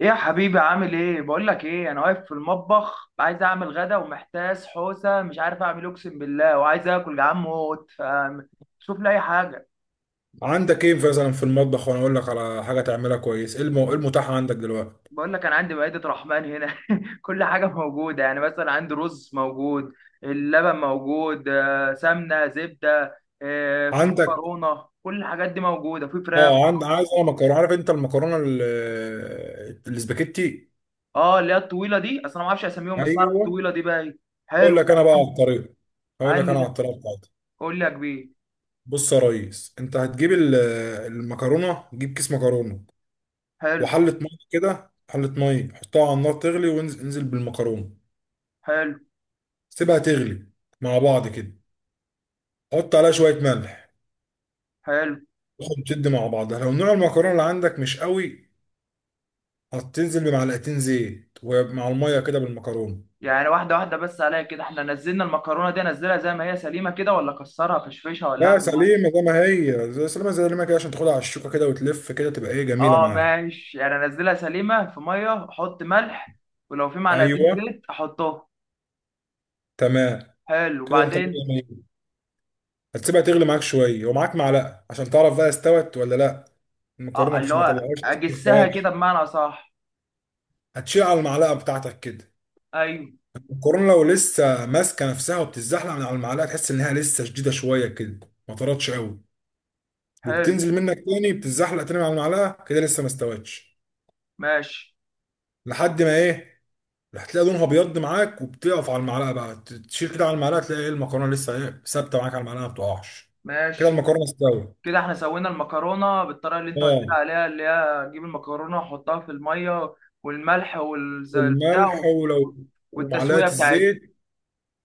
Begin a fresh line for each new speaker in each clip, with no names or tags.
ايه يا حبيبي؟ عامل ايه؟ بقول لك ايه، انا واقف في المطبخ عايز اعمل غدا ومحتاس حوسه مش عارف اعمل إيه، اقسم بالله وعايز اكل جعان موت ف شوف لي اي حاجه.
عندك ايه مثلا في المطبخ وانا اقول لك على حاجه تعملها كويس؟ ايه إيه المتاح عندك دلوقتي؟
بقول لك انا عندي مائده رحمن هنا كل حاجه موجوده، يعني مثلا عندي رز موجود، اللبن موجود، سمنه زبده، في
عندك
مكرونه، كل الحاجات دي موجوده، في فراخ.
اه عايز انا مكرونه. عارف انت الاسباجيتي؟
اه اللي هي الطويله دي اصلا ما اعرفش اسميهم، بس اعرف
ايوه.
الطويله دي بقى إيه.
اقول
حلو
لك
ده.
انا بقى على الطريقه اقول لك
عندي
انا على
ده.
الطريقه بتاعتي.
قول لي يا كبير.
بص يا ريس، انت هتجيب المكرونه، جيب كيس مكرونه
حلو.
وحله ميه كده، حله ميه حطها على النار تغلي، وانزل بالمكرونه.
حلو.
سيبها تغلي مع بعض كده، حط عليها شويه ملح
حلو.
تاخد تشد مع بعضها. لو نوع المكرونه اللي عندك مش قوي، هتنزل بمعلقتين زيت ومع الميه كده بالمكرونه.
يعني واحدة واحدة بس عليا كده، احنا نزلنا المكرونة دي انزلها زي ما هي سليمة كده، ولا اكسرها فشفشها، ولا
لا،
اعمل معاها؟
سليمه زي ما هي، زي سليمه زي ما كده عشان تاخدها على الشوكه كده وتلف كده، تبقى ايه، جميله
اه
معاك.
ماشي، يعني انزلها سليمة في مية احط ملح، ولو في
ايوه،
معلقتين زيت احطهم.
تمام.
حلو،
كده انت مية
وبعدين؟
مية. هتسيبها تغلي معاك شويه، ومعاك معلقه عشان تعرف بقى استوت ولا لا.
اه
المكرونه
اللي
مش ما
هو
طلعهاش لسه، ما
اجسها كده
استوتش.
بمعنى صح؟
هتشيل على المعلقه بتاعتك كده،
ايوه.
المكرونه لو لسه ماسكه نفسها وبتتزحلق من على المعلقه، تحس انها لسه شديده شويه كده، ما طرتش قوي،
حلو.
وبتنزل منك تاني، بتتزحلق تاني على المعلقه كده، لسه ما استوتش.
ماشي.
لحد ما ايه، هتلاقي لونها ابيض معاك، وبتقف على المعلقه بقى، تشيل كده على المعلقه تلاقي ايه، المكرونه لسه ايه، ثابته معاك على المعلقه، ما بتقعش. كده
ماشي.
المكرونه استوت.
كده احنا سوينا المكرونة بالطريقة اللي انت قلت لي
اه،
عليها، اللي هي اجيب المكرونة واحطها في المية والملح والبتاع
والملح، ولو ومعلقه
والتسوية بتاعتها.
الزيت.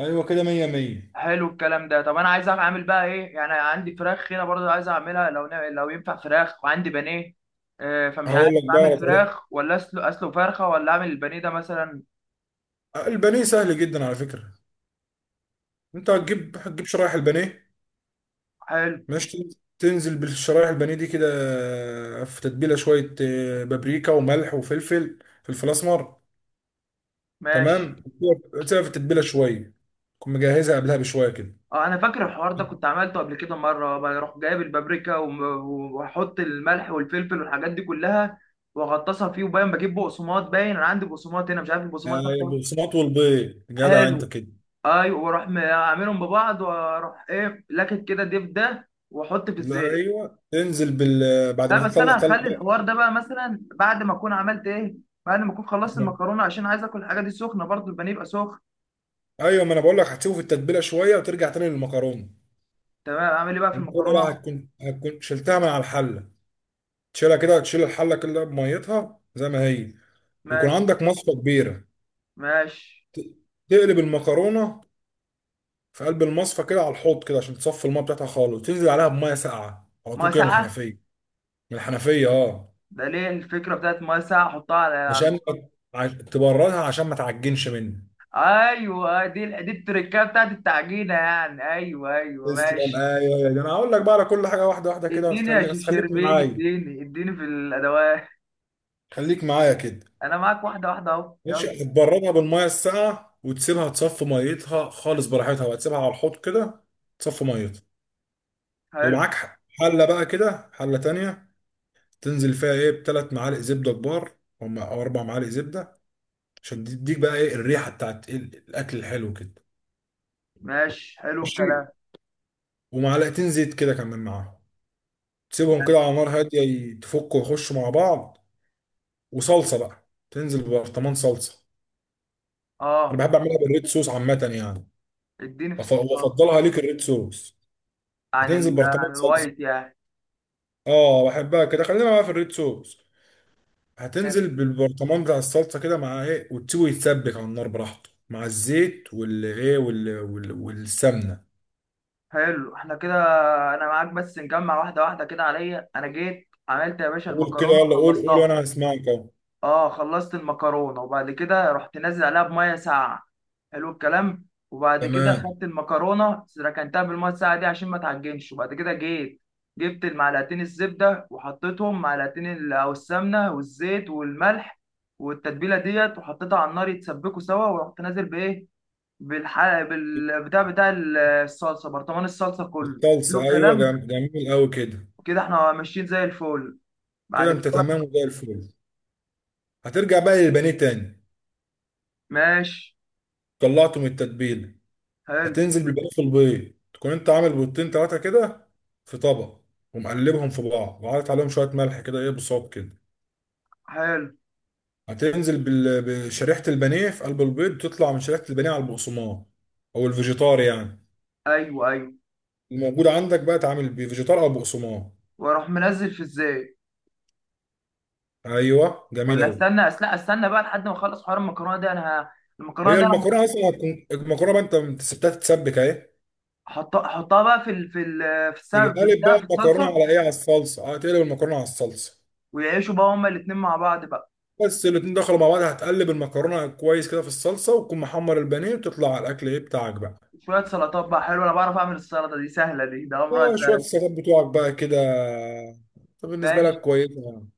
ايوه كده، مية مية.
حلو الكلام ده. طب انا عايز اعمل بقى ايه؟ يعني عندي فراخ هنا برضه عايز اعملها، لو لو ينفع فراخ، وعندي بانيه فمش
هقول
عارف
لك بقى
اعمل
على طريقه.
فراخ، ولا اسلق فرخه، ولا اعمل البانيه ده مثلا.
آه، البانيه سهل جدا على فكره. انت هتجيب شرايح البانيه.
حلو.
ماشي، تنزل بالشرايح البانيه دي كده. آه، في تتبيله شويه، آه، بابريكا وملح وفلفل، فلفل اسمر.
ماشي.
تمام، تسيبها في التتبيله شويه، تكون مجهزها قبلها بشويه كده.
اه انا فاكر الحوار ده، كنت عملته قبل كده مره، بروح جايب البابريكا واحط الملح والفلفل والحاجات دي كلها واغطسها فيه، وباين بجيب بقسماط، باين انا عندي بقسماط هنا، مش عارف البقسماط ده
يعني
بتاعه.
البقسماط والبيض، جدع انت
حلو.
كده.
ايوه، واروح اعملهم ببعض، واروح ايه لكت كده ديب ده واحط في
لا،
الزيت.
ايوه، تنزل بال بعد
لا
ما
بس
تطلع
انا
طلع
هخلي الحوار ده بقى مثلا بعد ما اكون عملت ايه، بعد ما اكون خلصت
بقى.
المكرونه، عشان عايز اكل الحاجه دي سخنه، برضو البانيه يبقى سخن.
ايوه، ما انا بقول لك هتسيبه في التتبيله شويه، وترجع تاني للمكرونه.
تمام، اعمل ايه بقى في
المكرونه بقى
المكرونه؟
هتكون شلتها من على الحله، تشيلها كده، تشيل الحله كلها بميتها زي ما هي. ويكون
ماشي.
عندك مصفى كبيره،
ماشي.
ت- تقلب المكرونه في قلب المصفى كده على الحوض كده عشان تصفي الميه بتاعتها خالص، وتنزل عليها بميه ساقعه على
ميه
طول كده من
ساقعه؟
الحنفيه. من الحنفيه، اه.
ده ليه الفكره بتاعت ميه ساقعه احطها على
عشان
المكرونه؟
تبردها عشان ما تعجنش منك.
ايوه، دي التركه بتاعت التعجينه يعني. ايوه. ايوه،
تسلم،
ماشي.
ايوه يا ده، انا هقول لك بقى على كل حاجه واحده واحده كده،
اديني يا
وتخليك
شيف
بس، خليك
شربين،
معايا
اديني اديني في الادوات.
خليك معايا كده.
انا معاك واحده واحده اهو يلا.
ماشي، هتبردها بالميه الساقعه، وتسيبها تصفي ميتها خالص براحتها، وهتسيبها على الحوض كده تصفي ميتها.
حلو.
ومعاك حله بقى كده، حله تانية، تنزل فيها ايه، ب3 معالق زبده كبار، او 4 معالق زبده، عشان تديك بقى ايه، الريحه بتاعت الاكل الحلو كده.
ماشي. حلو
ماشي.
الكلام.
ومعلقتين زيت كده كمان معاهم، تسيبهم
ماشي.
كده على نار هاديه يتفكوا ويخشوا مع بعض. وصلصه بقى، تنزل ببرطمان صلصه. انا
اه
بحب اعملها بالريد صوص عامه يعني.
اديني في الصوصات.
وافضلها ليك الريد صوص. هتنزل
عن
برطمان صلصه،
الوايت يعني؟
اه بحبها كده، خلينا بقى في الريد صوص. هتنزل بالبرطمان بتاع الصلصه كده مع ايه، وتسيبه يتسبك على النار براحته مع الزيت والايه والسمنه.
حلو، احنا كده. انا معاك بس نجمع واحده واحده كده عليا، انا جيت عملت يا باشا
قول كده
المكرونه
يلا، قول قول،
خلصتها.
وانا هسمعك اهو.
اه خلصت المكرونه، وبعد كده رحت نازل عليها بميه ساقعه. حلو الكلام. وبعد كده
تمام.
خدت المكرونه ركنتها بالميه الساقعه دي عشان ما تعجنش، وبعد كده جيت جبت المعلقتين الزبده وحطيتهم معلقتين او السمنه والزيت والملح، والتتبيله ديت وحطيتها على النار يتسبكوا سوا، ورحت نازل بايه، بالحلقة بالبتاع بتاع الصلصة، برطمان الصلصة كله. حلو
الصلصه ايوه،
الكلام.
جميل قوي كده.
كده احنا ماشيين زي الفل. بعد
كده انت
كده
تمام وزي الفل. هترجع بقى للبانيه تاني،
ماشي.
طلعته من التتبيله،
حلو.
هتنزل بالباقي في البيض. تكون انت عامل بيضتين ثلاثه كده في طبق، ومقلبهم في بعض، وعارف عليهم شويه ملح كده، ايه، بصوب كده.
حلو.
هتنزل بشريحه البانيه في قلب البيض، تطلع من شريحه البانيه على البقسماط، او الفيجيتار يعني،
ايوه. ايوه،
الموجود عندك بقى، تعمل بفيجيتار او بقسماط.
واروح منزل في ازاي؟
ايوه، جميل
ولا
قوي.
استنى لا استنى بقى لحد ما اخلص حوار المكرونة دي، انا المكرونة
هي
دي انا
المكرونه اصلا هتكون، المكرونه بقى انت سبتها تتسبك اهي.
هحطها احطها بقى في
تيجي
السمك في
قالب
البتاع
بقى
في
المكرونه
الصلصة.
على ايه، على الصلصه، هتقلب المكرونه على الصلصه.
ويعيشوا بقى هما الاتنين مع بعض بقى.
بس الاتنين دخلوا مع بعض، هتقلب المكرونه كويس كده في الصلصه، وتكون محمر البانيه، وتطلع على الاكل ايه بتاعك بقى.
شوية سلطات بقى. حلو، انا بعرف اعمل السلطة دي، سهلة دي، ده امرها
اه، شويه
سهل.
السلطات بتوعك بقى كده. طب بالنسبه
ماشي.
لك كويسه يعني؟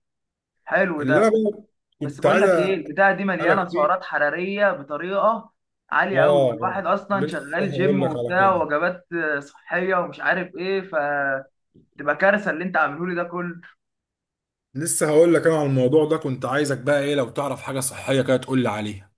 حلو
اللي
ده.
انا بقى
بس
كنت
بقول
عايز
لك ايه، البتاعه دي مليانه
اسالك فيه.
سعرات حراريه بطريقه عاليه قوي،
اه،
الواحد اصلا
لسه
شغال جيم
هقول لك على
وبتاع
كده.
وجبات صحيه ومش عارف ايه، فتبقى كارثه اللي انت عامله لي ده كله.
لسه هقول لك انا على الموضوع ده، كنت عايزك بقى ايه، لو تعرف حاجه صحيه كده تقول لي عليها.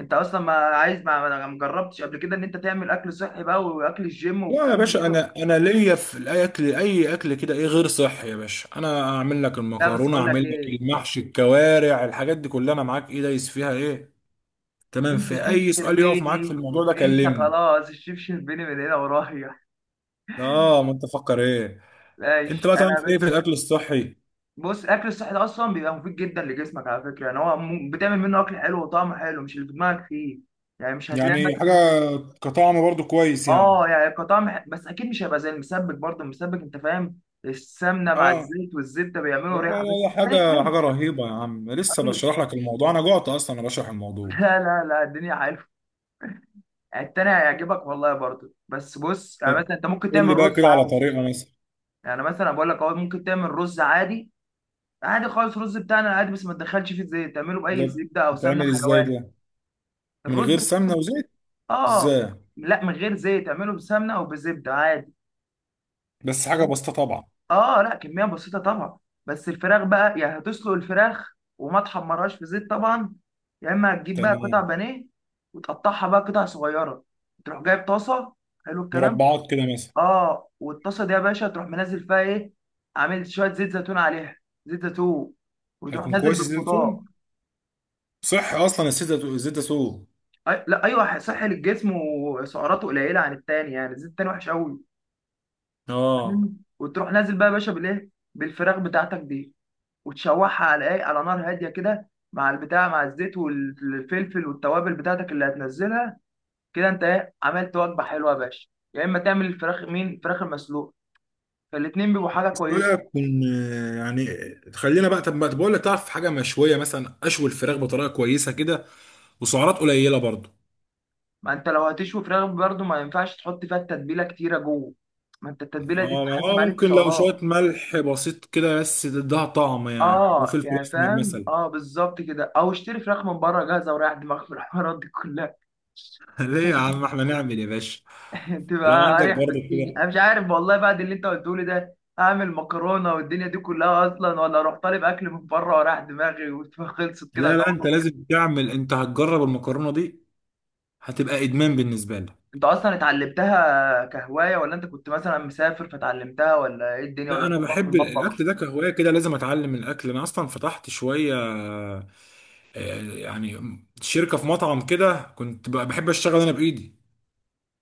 انت اصلا ما عايز ما جربتش قبل كده ان انت تعمل اكل صحي بقى، واكل الجيم
لا يا
والكلام ده
باشا،
كله؟
انا ليا في الاكل، اي اكل كده ايه غير صحي يا باشا، انا اعمل لك
لا بس
المكرونه،
بقول لك
اعمل لك
ايه،
المحشي، الكوارع، الحاجات دي كلها، انا معاك ايه، دايس فيها ايه. تمام،
انت
في
شيف
اي سؤال يقف معاك في
شربيني.
الموضوع ده
انت
كلمني.
خلاص الشيف شربيني من هنا ورايح.
اه، ما انت فكر ايه. انت
ماشي
بقى
انا يا
تعرف ايه في
باشا.
الاكل الصحي؟
بص الاكل الصحي ده اصلا بيبقى مفيد جدا لجسمك على فكره، يعني هو بتعمل منه اكل حلو وطعمه حلو، مش اللي في دماغك فيه. يعني مش هتلاقي
يعني حاجه
مثلا.
كطعم برضو كويس يعني؟
اه يعني كطعم بس اكيد مش هيبقى زي المسبك برضه، المسبك انت فاهم، السمنه مع
اه،
الزيت والزبده
لا
بيعملوا
لا
ريحه،
لا
بس
لا،
التاني
حاجه
حلو.
حاجه رهيبه يا عم، لسه
أكيد.
بشرح لك الموضوع انا جعت اصلا انا بشرح الموضوع.
لا لا لا، الدنيا حلوه. التاني هيعجبك والله برضه، بس بص
طب
يعني مثلا انت ممكن
قول لي
تعمل
بقى
رز
كده على
عادي.
طريقه مثلا.
يعني مثلا بقول لك اهو ممكن تعمل رز عادي، عادي خالص، الرز بتاعنا عادي بس ما تدخلش فيه زيت، تعمله باي
ده
زبده او سمنه
بتعمل ازاي
حيواني.
ده؟ من
الرز.
غير سمنه وزيت؟
اه.
ازاي؟
لا من غير زيت، اعمله بسمنه او بزبده عادي.
بس حاجه بسيطه طبعا.
اه، لا، كميه بسيطه طبعا. بس الفراخ بقى يعني هتسلق الفراخ، وما تحمرهاش في زيت طبعا. يا اما هتجيب بقى قطع
تمام،
بانيه، وتقطعها بقى قطع صغيره، تروح جايب طاسه. حلو الكلام.
مربعات كده مثلا.
اه والطاسه دي يا باشا تروح منزل فيها ايه، عامل شويه زيت زيتون عليها، زيت زيتون، وتروح
هيكون
نازل
كويس الزيت
بالخضار.
الزيتون. صحي اصلا الزيت الزيتون.
لا ايوه، صحي للجسم وسعراته قليله عن التاني، يعني الزيت التاني وحش قوي.
اه
وتروح نازل بقى يا باشا بالايه، بالفراخ بتاعتك دي، وتشوحها على ايه، على نار هاديه كده مع البتاع، مع الزيت والفلفل والتوابل بتاعتك اللي هتنزلها. كده انت ايه، عملت وجبه حلوه يا باشا. يا اما تعمل الفراخ مين الفراخ المسلوقه، فالاتنين بيبقوا حاجه كويسه.
بقى كن، يعني خلينا بقى. طب ما طب بقول لك، تعرف حاجه مشويه مثلا، اشوي الفراخ بطريقه كويسه كده، وسعرات قليله برضو.
ما انت لو هتشوي فراخ برضه ما ينفعش تحط فيها التتبيله كتيره جوه، ما انت التتبيله دي
آه،
بتتحسب
آه،
عليك في
ممكن لو شويه
سعرات.
ملح بسيط كده بس تديها طعم يعني،
اه
وفلفل
يعني
اسمر
فاهم،
مثلا.
اه بالظبط كده، او اشتري فراخ من بره جاهزه وريح دماغك من الحوارات دي كلها.
ليه يا عم، احنا نعمل يا باشا. لو
تبقى
عندك
اريح
برضو
بكتير،
كده.
انا مش عارف والله بعد اللي انت قلته لي ده، اعمل مكرونه والدنيا دي كلها، اصلا ولا اروح طالب اكل من بره وراح دماغي وخلصت كده
لا لا، انت
جبر.
لازم تعمل، انت هتجرب المكرونه دي، هتبقى ادمان بالنسبه لك.
انت اصلا اتعلمتها كهوايه، ولا انت كنت مثلا مسافر فتعلمتها، ولا ايه الدنيا، ولا
لا،
انت
انا
بتقف في
بحب
المطبخ؟
الاكل ده كهوايه كده، لازم اتعلم الاكل. انا اصلا فتحت شويه، آه، يعني شركة في مطعم كده، كنت بحب اشتغل انا بايدي،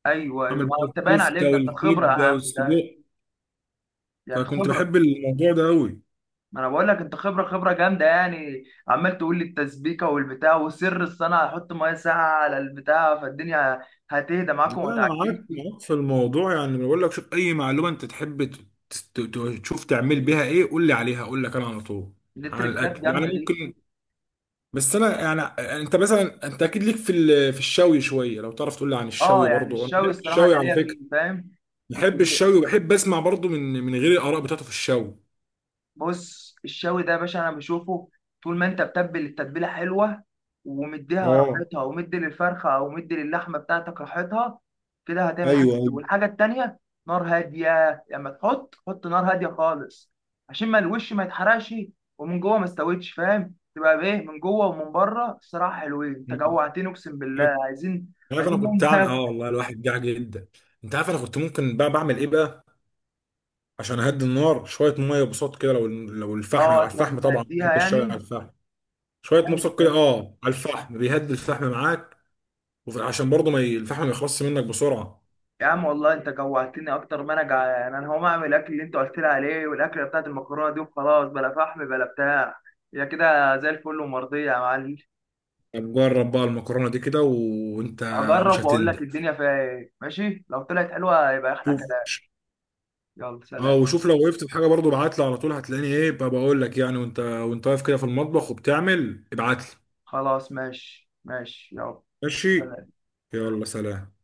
ايوه. ايوه،
اعمل بقى
انت باين عليك
الكفتة
ده، انت خبره يا
والكبدة
عم ده.
والسجق.
يعني
فكنت
خبره.
بحب الموضوع ده قوي.
ما انا بقول لك انت خبره خبره جامده، يعني عمال تقول لي التسبيكه والبتاع وسر الصنعه، هحط ميه ساقعه على البتاع فالدنيا هتهدى معاكم وما
لا انا معاك،
تعجنش.
معاك في الموضوع يعني. بقول لك شوف اي معلومة انت تحب تشوف تعمل بيها ايه، قول لي عليها، اقول لك انا على طول.
دي
عن
تريكات
الاكل يعني
جامده دي.
ممكن. بس انا يعني، آه، انت مثلا، انت اكيد ليك في في الشوي شويه، لو تعرف تقول لي عن
اه
الشوي
يعني
برضو، انا
الشاوي
بحب
الصراحه
الشوي
انا
على
ليا
فكره.
فيه فاهم، كنت
بحب
جي.
الشوي وبحب اسمع برضو من غير الاراء بتاعته في الشوي.
بص الشاوي ده يا باشا انا بشوفه طول ما انت بتبل التتبيله حلوه، ومديها
اه
راحتها ومدي للفرخه او مدي للحمه بتاعتك راحتها، كده هتعمل حاجه
ايوه.
حلوة. والحاجه التانيه، نار هاديه، لما تحط حط نار هاديه خالص عشان ما الوش ما يتحرقش ومن جوه ما استويتش، فاهم، تبقى بايه من جوه ومن بره. الصراحه حلوين، انت
مم.
جوعتني اقسم بالله، عايزين
عارف انا
عايزين
كنت
نقوم
اعمل،
ناكل.
اه والله الواحد جاع جدا. انت عارف انا كنت ممكن بقى بعمل ايه بقى، عشان اهدي النار شويه، ميه بصوت كده، لو الفحم،
اه
على
تروح
الفحم طبعا،
مهديها
بحب الشاي على
يعني.
الفحم. شويه
حلو
مبسط
ده.
كده، اه، على الفحم، بيهدي الفحم معاك. عشان برضه ما ي- الفحم ما يخلصش منك بسرعه.
يا عم والله انت جوعتني اكتر ما انا جعان، انا هقوم اعمل الاكل اللي انت قلت لي عليه، والاكله بتاعت المكرونه دي، وخلاص بلا فحم بلا بتاع. هي كده زي الفل ومرضيه يا معلم.
طب جرب بقى المكرونه دي كده، وانت مش
اجرب واقول لك
هتندم.
الدنيا فيها ايه، ماشي لو طلعت حلوه يبقى احلى
شوف،
كلام. يلا
اه،
سلام.
وشوف لو وقفت في حاجه برضه ابعت لي على طول، هتلاقيني ايه بقى، بقول لك يعني، وانت واقف كده في المطبخ وبتعمل، ابعت لي.
خلاص، ماشي ماشي، يلا
ماشي،
سلام.
يلا سلام.